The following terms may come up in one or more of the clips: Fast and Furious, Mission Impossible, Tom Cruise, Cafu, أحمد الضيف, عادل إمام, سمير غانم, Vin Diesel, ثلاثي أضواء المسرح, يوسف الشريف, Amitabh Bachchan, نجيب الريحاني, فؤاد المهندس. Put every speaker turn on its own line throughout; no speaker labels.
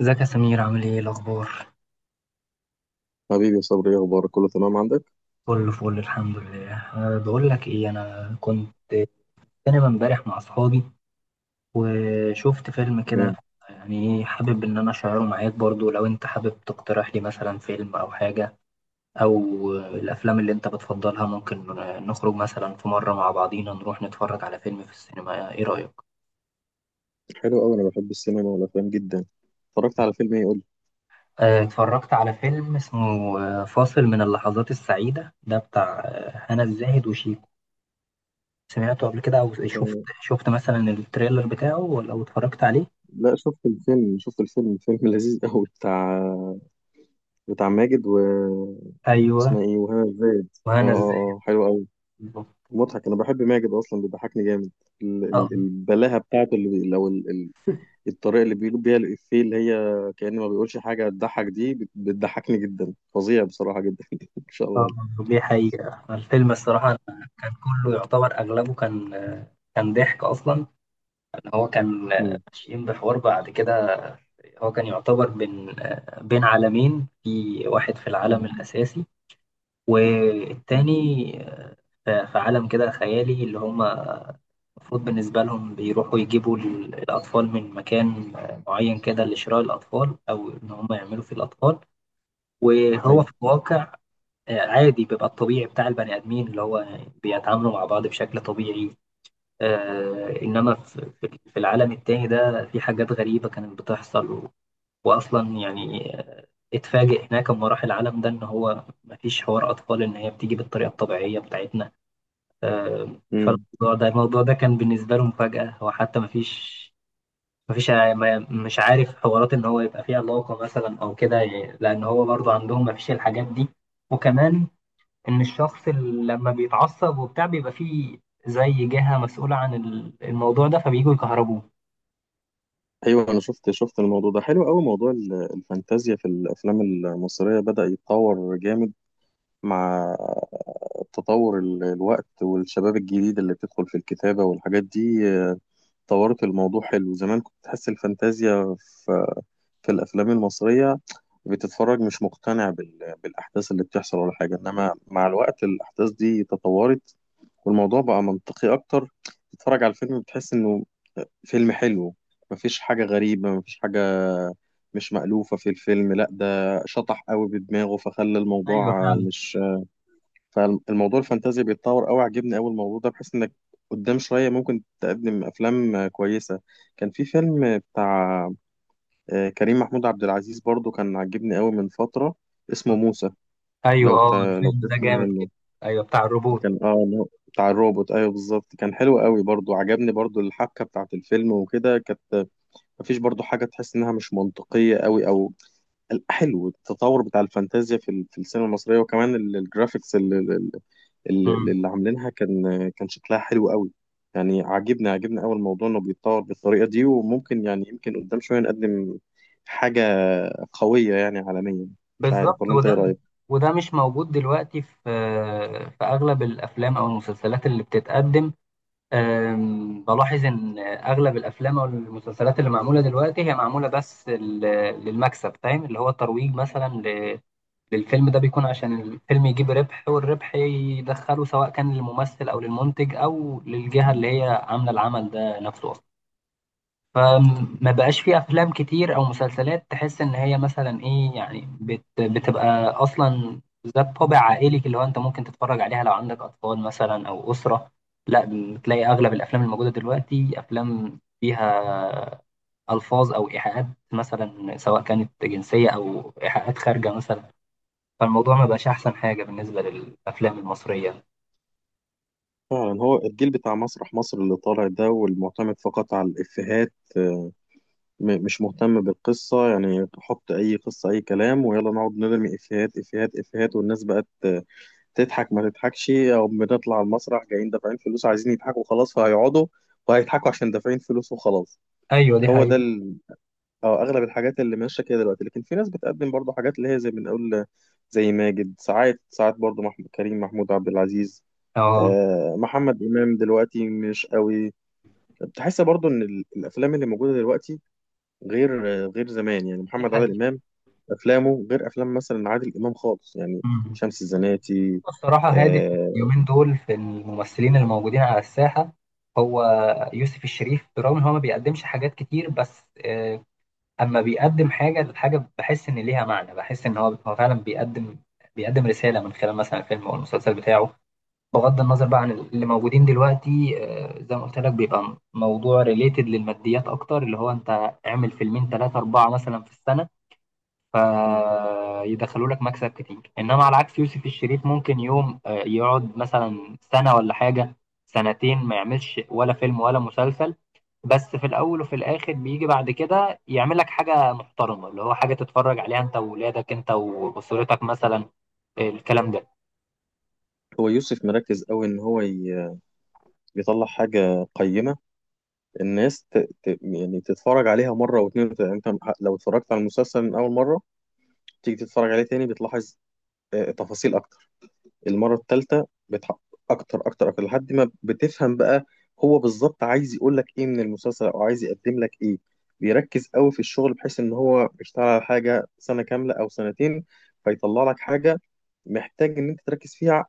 ازيك يا سمير، عامل ايه؟ إيه الاخبار؟
حبيبي يا صبري، ايه اخبارك؟ كله تمام عندك؟
كله فل، الحمد لله. بقول لك ايه، انا كنت في سينما امبارح مع اصحابي وشفت فيلم كده.
تمام.
يعني ايه، حابب ان انا اشعره معاك برضو، لو انت حابب تقترح لي مثلا فيلم او حاجه، او الافلام اللي انت بتفضلها. ممكن نخرج مثلا في مره مع بعضينا نروح نتفرج على فيلم في السينما. ايه رايك؟
حلو قوي، انا بحب السينما والافلام جدا. اتفرجت على فيلم ايه؟ قول لي.
أه، اتفرجت على فيلم اسمه فاصل من اللحظات السعيده، ده بتاع هنا الزاهد وشيكو. سمعته قبل كده؟ او شفت
آه.
شفت مثلا التريلر بتاعه؟ ولا او اتفرجت عليه؟
لا، شفت الفيلم فيلم لذيذ قوي بتاع ماجد و
ايوه.
اسمها ايه وهنا الزاهد. اه
وهنا ازاي.
اه اه، حلو قوي
بالظبط.
مضحك. انا بحب ماجد اصلا، بيضحكني جامد. ال
اه،
ال البلاهه بتاعته اللي لو ال الطريقه اللي بيقول بيها الافيه، اللي هي كأنه ما بيقولش حاجه تضحك دي بتضحكني جدا فظيع بصراحه جدا ان شاء الله
اه،
عليك.
دي حقيقة. الفيلم الصراحة كان كله يعتبر، اغلبه كان، ضحك اصلا. ان هو كان
مم.
ماشيين بحوار بعد كده، هو كان يعتبر بين عالمين، في واحد في العالم
مم.
الاساسي
مم.
والتاني. في عالم كده خيالي، اللي هم المفروض بالنسبة لهم بيروحوا يجيبوا الأطفال من مكان معين كده، لشراء الأطفال أو إن هم يعملوا فيه الأطفال. وهو
ايوه.
في الواقع عادي، بيبقى الطبيعي بتاع البني آدمين، اللي هو بيتعاملوا مع بعض بشكل طبيعي. إنما في العالم التاني ده في حاجات غريبة كانت بتحصل وأصلا يعني اتفاجئ هناك لما راح العالم ده إن هو مفيش حوار أطفال، إن هي بتيجي بالطريقة الطبيعية بتاعتنا.
مم.
فالموضوع ده الموضوع ده كان بالنسبة له مفاجأة. هو حتى مفيش، مش عارف حوارات، ان هو يبقى فيه علاقة مثلا او كده يعني، لان هو برضه عندهم مفيش الحاجات دي. وكمان، ان الشخص اللي لما بيتعصب وبتاع، بيبقى فيه زي جهة مسؤولة عن الموضوع ده، فبييجوا يكهربوه.
ايوه، انا شفت الموضوع ده حلو قوي. موضوع الفانتازيا في الافلام المصريه بدا يتطور جامد مع تطور الوقت والشباب الجديد اللي بتدخل في الكتابه والحاجات دي، طورت الموضوع حلو. زمان كنت تحس الفانتازيا في الافلام المصريه بتتفرج مش مقتنع بالاحداث اللي بتحصل ولا حاجه، انما مع الوقت الاحداث دي تطورت والموضوع بقى منطقي اكتر. تتفرج على الفيلم بتحس انه فيلم حلو، مفيش حاجة غريبة، مفيش حاجة مش مألوفة في الفيلم. لا ده شطح قوي بدماغه فخلى
ايوه،
الموضوع
فعلا.
مش فالموضوع الفانتازيا بيتطور قوي. عجبني قوي الموضوع ده، بحيث انك قدام شوية ممكن تقدم أفلام كويسة. كان في فيلم بتاع كريم محمود عبد العزيز برضو، كان عجبني قوي من فترة، اسمه موسى.
ايوه،
لو
اه،
ت... لو
الفيلم ده
تسمع
جامد كده.
عنه.
ايوه، بتاع الروبوت.
كان اه إن هو بتاع الروبوت، ايوه بالظبط. كان حلو قوي برضو، عجبني برضو الحبكة بتاعت الفيلم وكده. كانت مفيش برضو حاجة تحس إنها مش منطقية قوي أو حلو التطور بتاع الفانتازيا في في السينما المصرية. وكمان الجرافيكس اللي, اللي,
مم.
اللي عاملينها كان شكلها حلو قوي. يعني عاجبني أوي الموضوع إنه بيتطور بالطريقة دي، وممكن يعني يمكن قدام شوية نقدم حاجة قوية يعني عالميا. مش
بالظبط.
عارف، ولا أنت إيه رأيك؟
وده مش موجود دلوقتي في اغلب الافلام او المسلسلات اللي بتتقدم. بلاحظ ان اغلب الافلام او المسلسلات اللي معموله دلوقتي، هي معموله بس للمكسب، فاهم؟ اللي هو الترويج مثلا للفيلم ده بيكون عشان الفيلم يجيب ربح والربح يدخله، سواء كان للممثل او للمنتج او للجهه اللي هي عامله العمل ده نفسه. فما بقاش في افلام كتير او مسلسلات تحس ان هي مثلا ايه يعني، بتبقى اصلا ذات طابع عائلي، اللي هو انت ممكن تتفرج عليها لو عندك اطفال مثلا او اسره. لا، بتلاقي اغلب الافلام الموجوده دلوقتي افلام فيها الفاظ او ايحاءات مثلا، سواء كانت جنسيه او ايحاءات خارجه مثلا. فالموضوع ما بقاش احسن حاجه بالنسبه للافلام المصريه.
فعلا، هو الجيل بتاع مسرح مصر اللي طالع ده والمعتمد فقط على الإفيهات، مش مهتم بالقصة. يعني حط أي قصة أي كلام ويلا نقعد نرمي إفيهات إفيهات إفيهات. والناس بقت تضحك ما تضحكش. أو بنطلع المسرح جايين دافعين فلوس عايزين يضحكوا خلاص، فهيقعدوا وهيضحكوا عشان دافعين فلوس وخلاص.
ايوه، دي
هو ده
حقيقة.
ال... أو أغلب الحاجات اللي ماشية كده دلوقتي. لكن في ناس بتقدم برضه حاجات، اللي هي زي ما بنقول، زي ماجد. ساعات ساعات برضه محمود، كريم محمود عبد العزيز،
اه،
آه محمد إمام دلوقتي مش قوي. بتحس برضه إن الأفلام اللي موجودة دلوقتي غير غير زمان. يعني محمد عادل
دي
امام، افلامه غير افلام مثلا عادل امام خالص، يعني
حقيقة.
شمس الزناتي.
الصراحة هادي
آه.
اليومين دول، في الممثلين اللي موجودين على الساحة، هو يوسف الشريف. برغم إن هو ما بيقدمش حاجات كتير، بس أما بيقدم حاجة، الحاجة بحس إن ليها معنى. بحس إن هو فعلا بيقدم، رسالة من خلال مثلا الفيلم أو المسلسل بتاعه. بغض النظر بقى عن اللي موجودين دلوقتي. زي ما قلت لك، بيبقى موضوع ريليتد للماديات أكتر، اللي هو أنت اعمل فيلمين تلاتة أربعة مثلا في السنة فيدخلوا لك مكسب كتير. انما على عكس يوسف الشريف، ممكن يوم يقعد مثلا سنة ولا حاجة، سنتين، ما يعملش ولا فيلم ولا مسلسل. بس في الاول وفي الاخر بيجي بعد كده يعمل لك حاجة محترمة، اللي هو حاجة تتفرج عليها انت وولادك، انت واسرتك مثلا، الكلام ده.
هو يوسف مركز قوي ان هو يطلع حاجه قيمه. الناس يعني تتفرج عليها مره واتنين وتلاته. يعني انت لو اتفرجت على المسلسل من اول مره، تيجي تتفرج عليه تاني بتلاحظ آه تفاصيل اكتر. المرة الثالثة بتحقق أكتر أكتر أكتر لحد ما بتفهم بقى هو بالظبط عايز يقول لك إيه من المسلسل، أو عايز يقدم لك إيه. بيركز قوي في الشغل، بحيث إن هو بيشتغل على حاجة سنة كاملة أو سنتين فيطلع لك حاجة محتاج إن أنت تركز فيها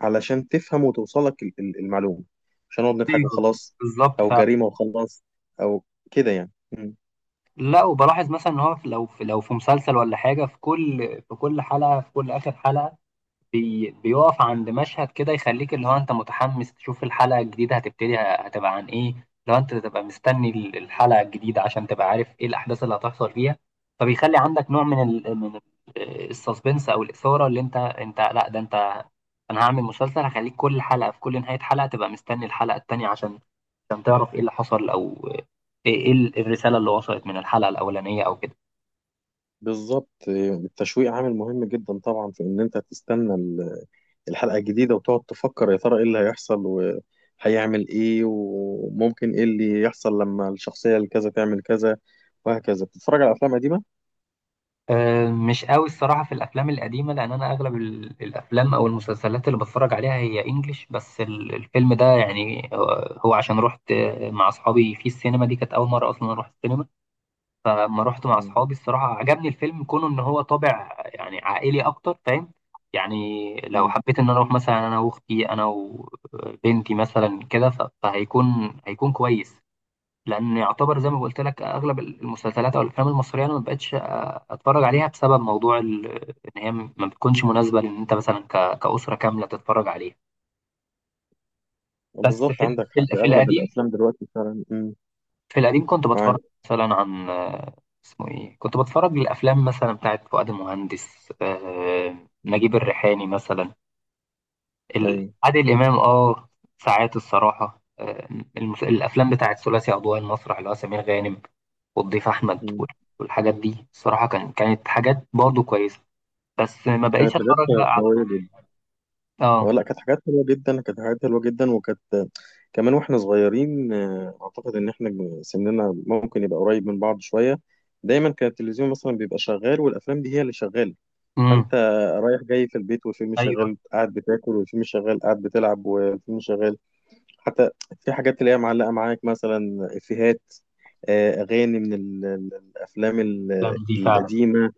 علشان تفهم وتوصل لك المعلومة. مش هنقعد نضحك
ايوه،
وخلاص،
بالظبط،
أو جريمة وخلاص، أو كده يعني.
لا، وبلاحظ مثلا ان هو لو في مسلسل ولا حاجه، في كل حلقه، في كل اخر حلقه بيقف عند مشهد كده يخليك، اللي هو انت متحمس تشوف الحلقة الجديدة هتبتدي هتبقى عن ايه. لو انت تبقى مستني الحلقة الجديدة عشان تبقى عارف ايه الأحداث اللي هتحصل فيها، فبيخلي عندك نوع من السسبنس او الإثارة. اللي انت، لا ده انت، انا هعمل مسلسل هخليك كل حلقة، في كل نهاية حلقة تبقى مستني الحلقة التانية عشان، تعرف ايه اللي حصل، او ايه، الرسالة اللي وصلت من الحلقة الأولانية او كده.
بالظبط، التشويق عامل مهم جدا طبعا في إن أنت تستنى الحلقة الجديدة وتقعد تفكر يا ترى ايه اللي هيحصل وهيعمل ايه وممكن ايه اللي يحصل لما الشخصية الكذا تعمل كذا وهكذا. بتتفرج على أفلام قديمة؟
أه، مش قوي الصراحة في الأفلام القديمة. لأن أنا أغلب الأفلام أو المسلسلات اللي بتفرج عليها هي إنجليش. بس الفيلم ده يعني هو عشان رحت مع أصحابي في السينما، دي كانت أول مرة أصلا أروح السينما. فلما رحت مع
مم.
أصحابي، الصراحة عجبني الفيلم كونه إن هو طابع يعني عائلي أكتر، فاهم؟ يعني لو
مم.
حبيت إن أنا أروح مثلا أنا وأختي، أنا وبنتي مثلا كده، فهيكون، كويس. لان يعتبر زي ما قلت لك، اغلب المسلسلات او الافلام المصريه انا ما بقتش اتفرج عليها، بسبب موضوع ان هي ما بتكونش مناسبه، لان انت مثلا كاسره كامله تتفرج عليها. بس
بالظبط، عندك حق. أغلب الأفلام دلوقتي فعلا. مم.
في القديم كنت بتفرج
معاك.
مثلا عن اسمه ايه، كنت بتفرج للافلام مثلا بتاعت فؤاد المهندس، نجيب
مم.
الريحاني مثلا،
أيوه.
عادل إمام، اه، ساعات الصراحة الأفلام بتاعت ثلاثي أضواء المسرح، اللي هو سمير غانم والضيف أحمد
مم.
والحاجات دي، الصراحة كانت حاجات برضه كويسة، بس ما بقيتش
كانت
أتفرج
حاجات
بقى على
قوية جدا،
مصر. اه،
ولا كانت حاجات حلوة جدا. كانت حاجات حلوة جدا. وكانت كمان واحنا صغيرين، اعتقد ان احنا سننا ممكن يبقى قريب من بعض شوية. دايما كان التلفزيون مثلا بيبقى شغال والافلام دي هي اللي شغالة.
امم،
فانت رايح جاي في البيت والفيلم
ايوه،
شغال، قاعد بتاكل والفيلم شغال، قاعد بتلعب والفيلم شغال. حتى في حاجات اللي هي معلقه معاك مثلا افيهات، اغاني من الافلام
الافلام دي فعلا.
القديمه.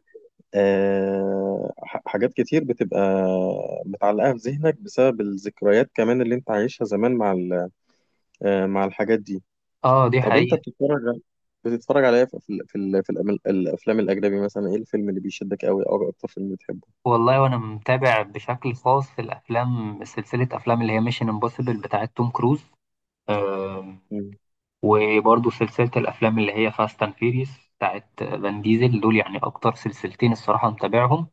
حاجات كتير بتبقى متعلقه في ذهنك بسبب الذكريات كمان اللي انت عايشها زمان مع مع الحاجات دي.
اه، دي
طب انت
حقيقة.
بتتفرج على ايه في الافلام الاجنبي؟ مثلا ايه الفيلم اللي بيشدك قوي او اكتر فيلم بتحبه؟
والله، وانا متابع بشكل خاص في الافلام، سلسلة افلام اللي هي ميشن امبوسيبل بتاعت توم كروز، وبرضه سلسلة الأفلام اللي هي فاست أند فيريس بتاعت فان ديزل. دول يعني أكتر سلسلتين الصراحة متابعهم.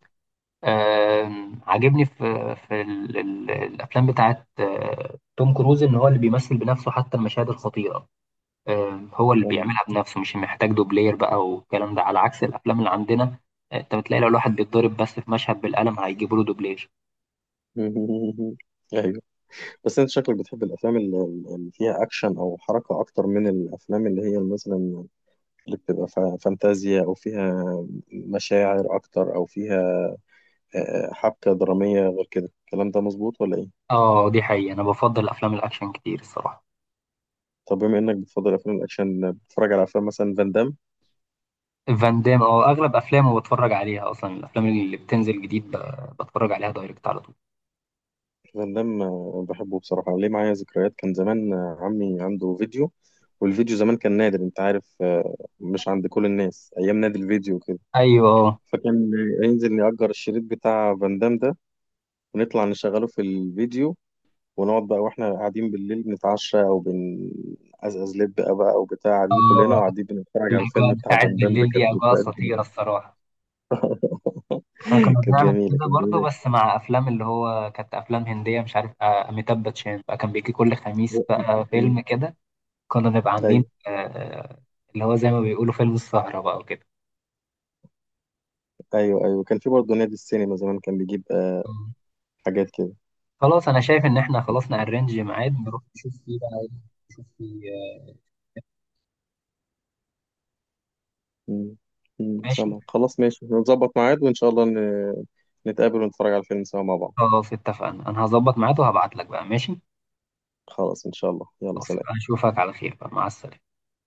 عاجبني في ال الأفلام بتاعت توم كروز، إن هو اللي بيمثل بنفسه حتى المشاهد الخطيرة. هو اللي
مم.
بيعملها بنفسه، مش محتاج دوبلير بقى. والكلام ده على عكس الأفلام اللي عندنا. أنت بتلاقي لو الواحد بيتضرب بس في مشهد بالقلم، هيجيبوا له دوبلير.
مم. ايوه. بس انت شكلك بتحب الافلام اللي فيها اكشن او حركه اكتر من الافلام اللي هي مثلا اللي فانتازيا، او فيها مشاعر اكتر، او فيها حبكه دراميه. غير كده، الكلام ده مظبوط ولا ايه؟
اه، دي حقيقة. أنا بفضل أفلام الأكشن كتير الصراحة.
طب بما انك بتفضل افلام الاكشن، بتتفرج على افلام مثلا فان دام؟
فان دام، اه، اغلب افلامه بتفرج عليها. اصلا الافلام اللي بتنزل جديد بتفرج عليها دايركت على طول.
فان دام بحبه بصراحه. ليه؟ معايا ذكريات. كان زمان، عمي عنده فيديو، والفيديو زمان كان نادر انت عارف، مش عند كل الناس. ايام نادي الفيديو
ايوه، اه،
فكان هينزل نأجر الشريط بتاع فان دام ده، ونطلع نشغله في الفيديو، ونقعد بقى. واحنا قاعدين بالليل بنتعشى او بنقزقز لب بقى، او بتاع، قاعدين كلنا
آه،
وقاعدين بنتفرج على
الاجواء
الفيلم بتاع
بتاعت
فان دام ده.
بالليل دي
كانت
اجواء
ذكريات
خطيره
جميلة.
الصراحه. احنا كنا
كانت
بنعمل
جميلة.
كده
كانت
برضه،
جميلة.
بس مع افلام اللي هو كانت افلام هنديه، مش عارف اميتاب باتشان بقى، كان بيجي كل خميس بقى
مم.
فيلم كده. كنا نبقى عاملين
ايوه.
اللي هو زي ما بيقولوا فيلم السهره بقى وكده.
ايوه ايوه، كان في برضه نادي السينما زمان كان بيجيب آه
مم.
حاجات كده.
خلاص، انا شايف ان احنا خلاص نأرنج ميعاد، نروح نشوف فيه بقى نشوف فيه
مم. مم.
ماشي.
سامع؟ خلاص ماشي، نظبط ميعاد وان شاء الله نتقابل ونتفرج على الفيلم سوا مع بعض.
خلاص اتفقنا، انا هظبط ميعاد وهبعت لك بقى. ماشي،
خلاص، ان شاء الله يلا
خلاص.
سلام.
اشوفك على خير بقى، مع السلامة.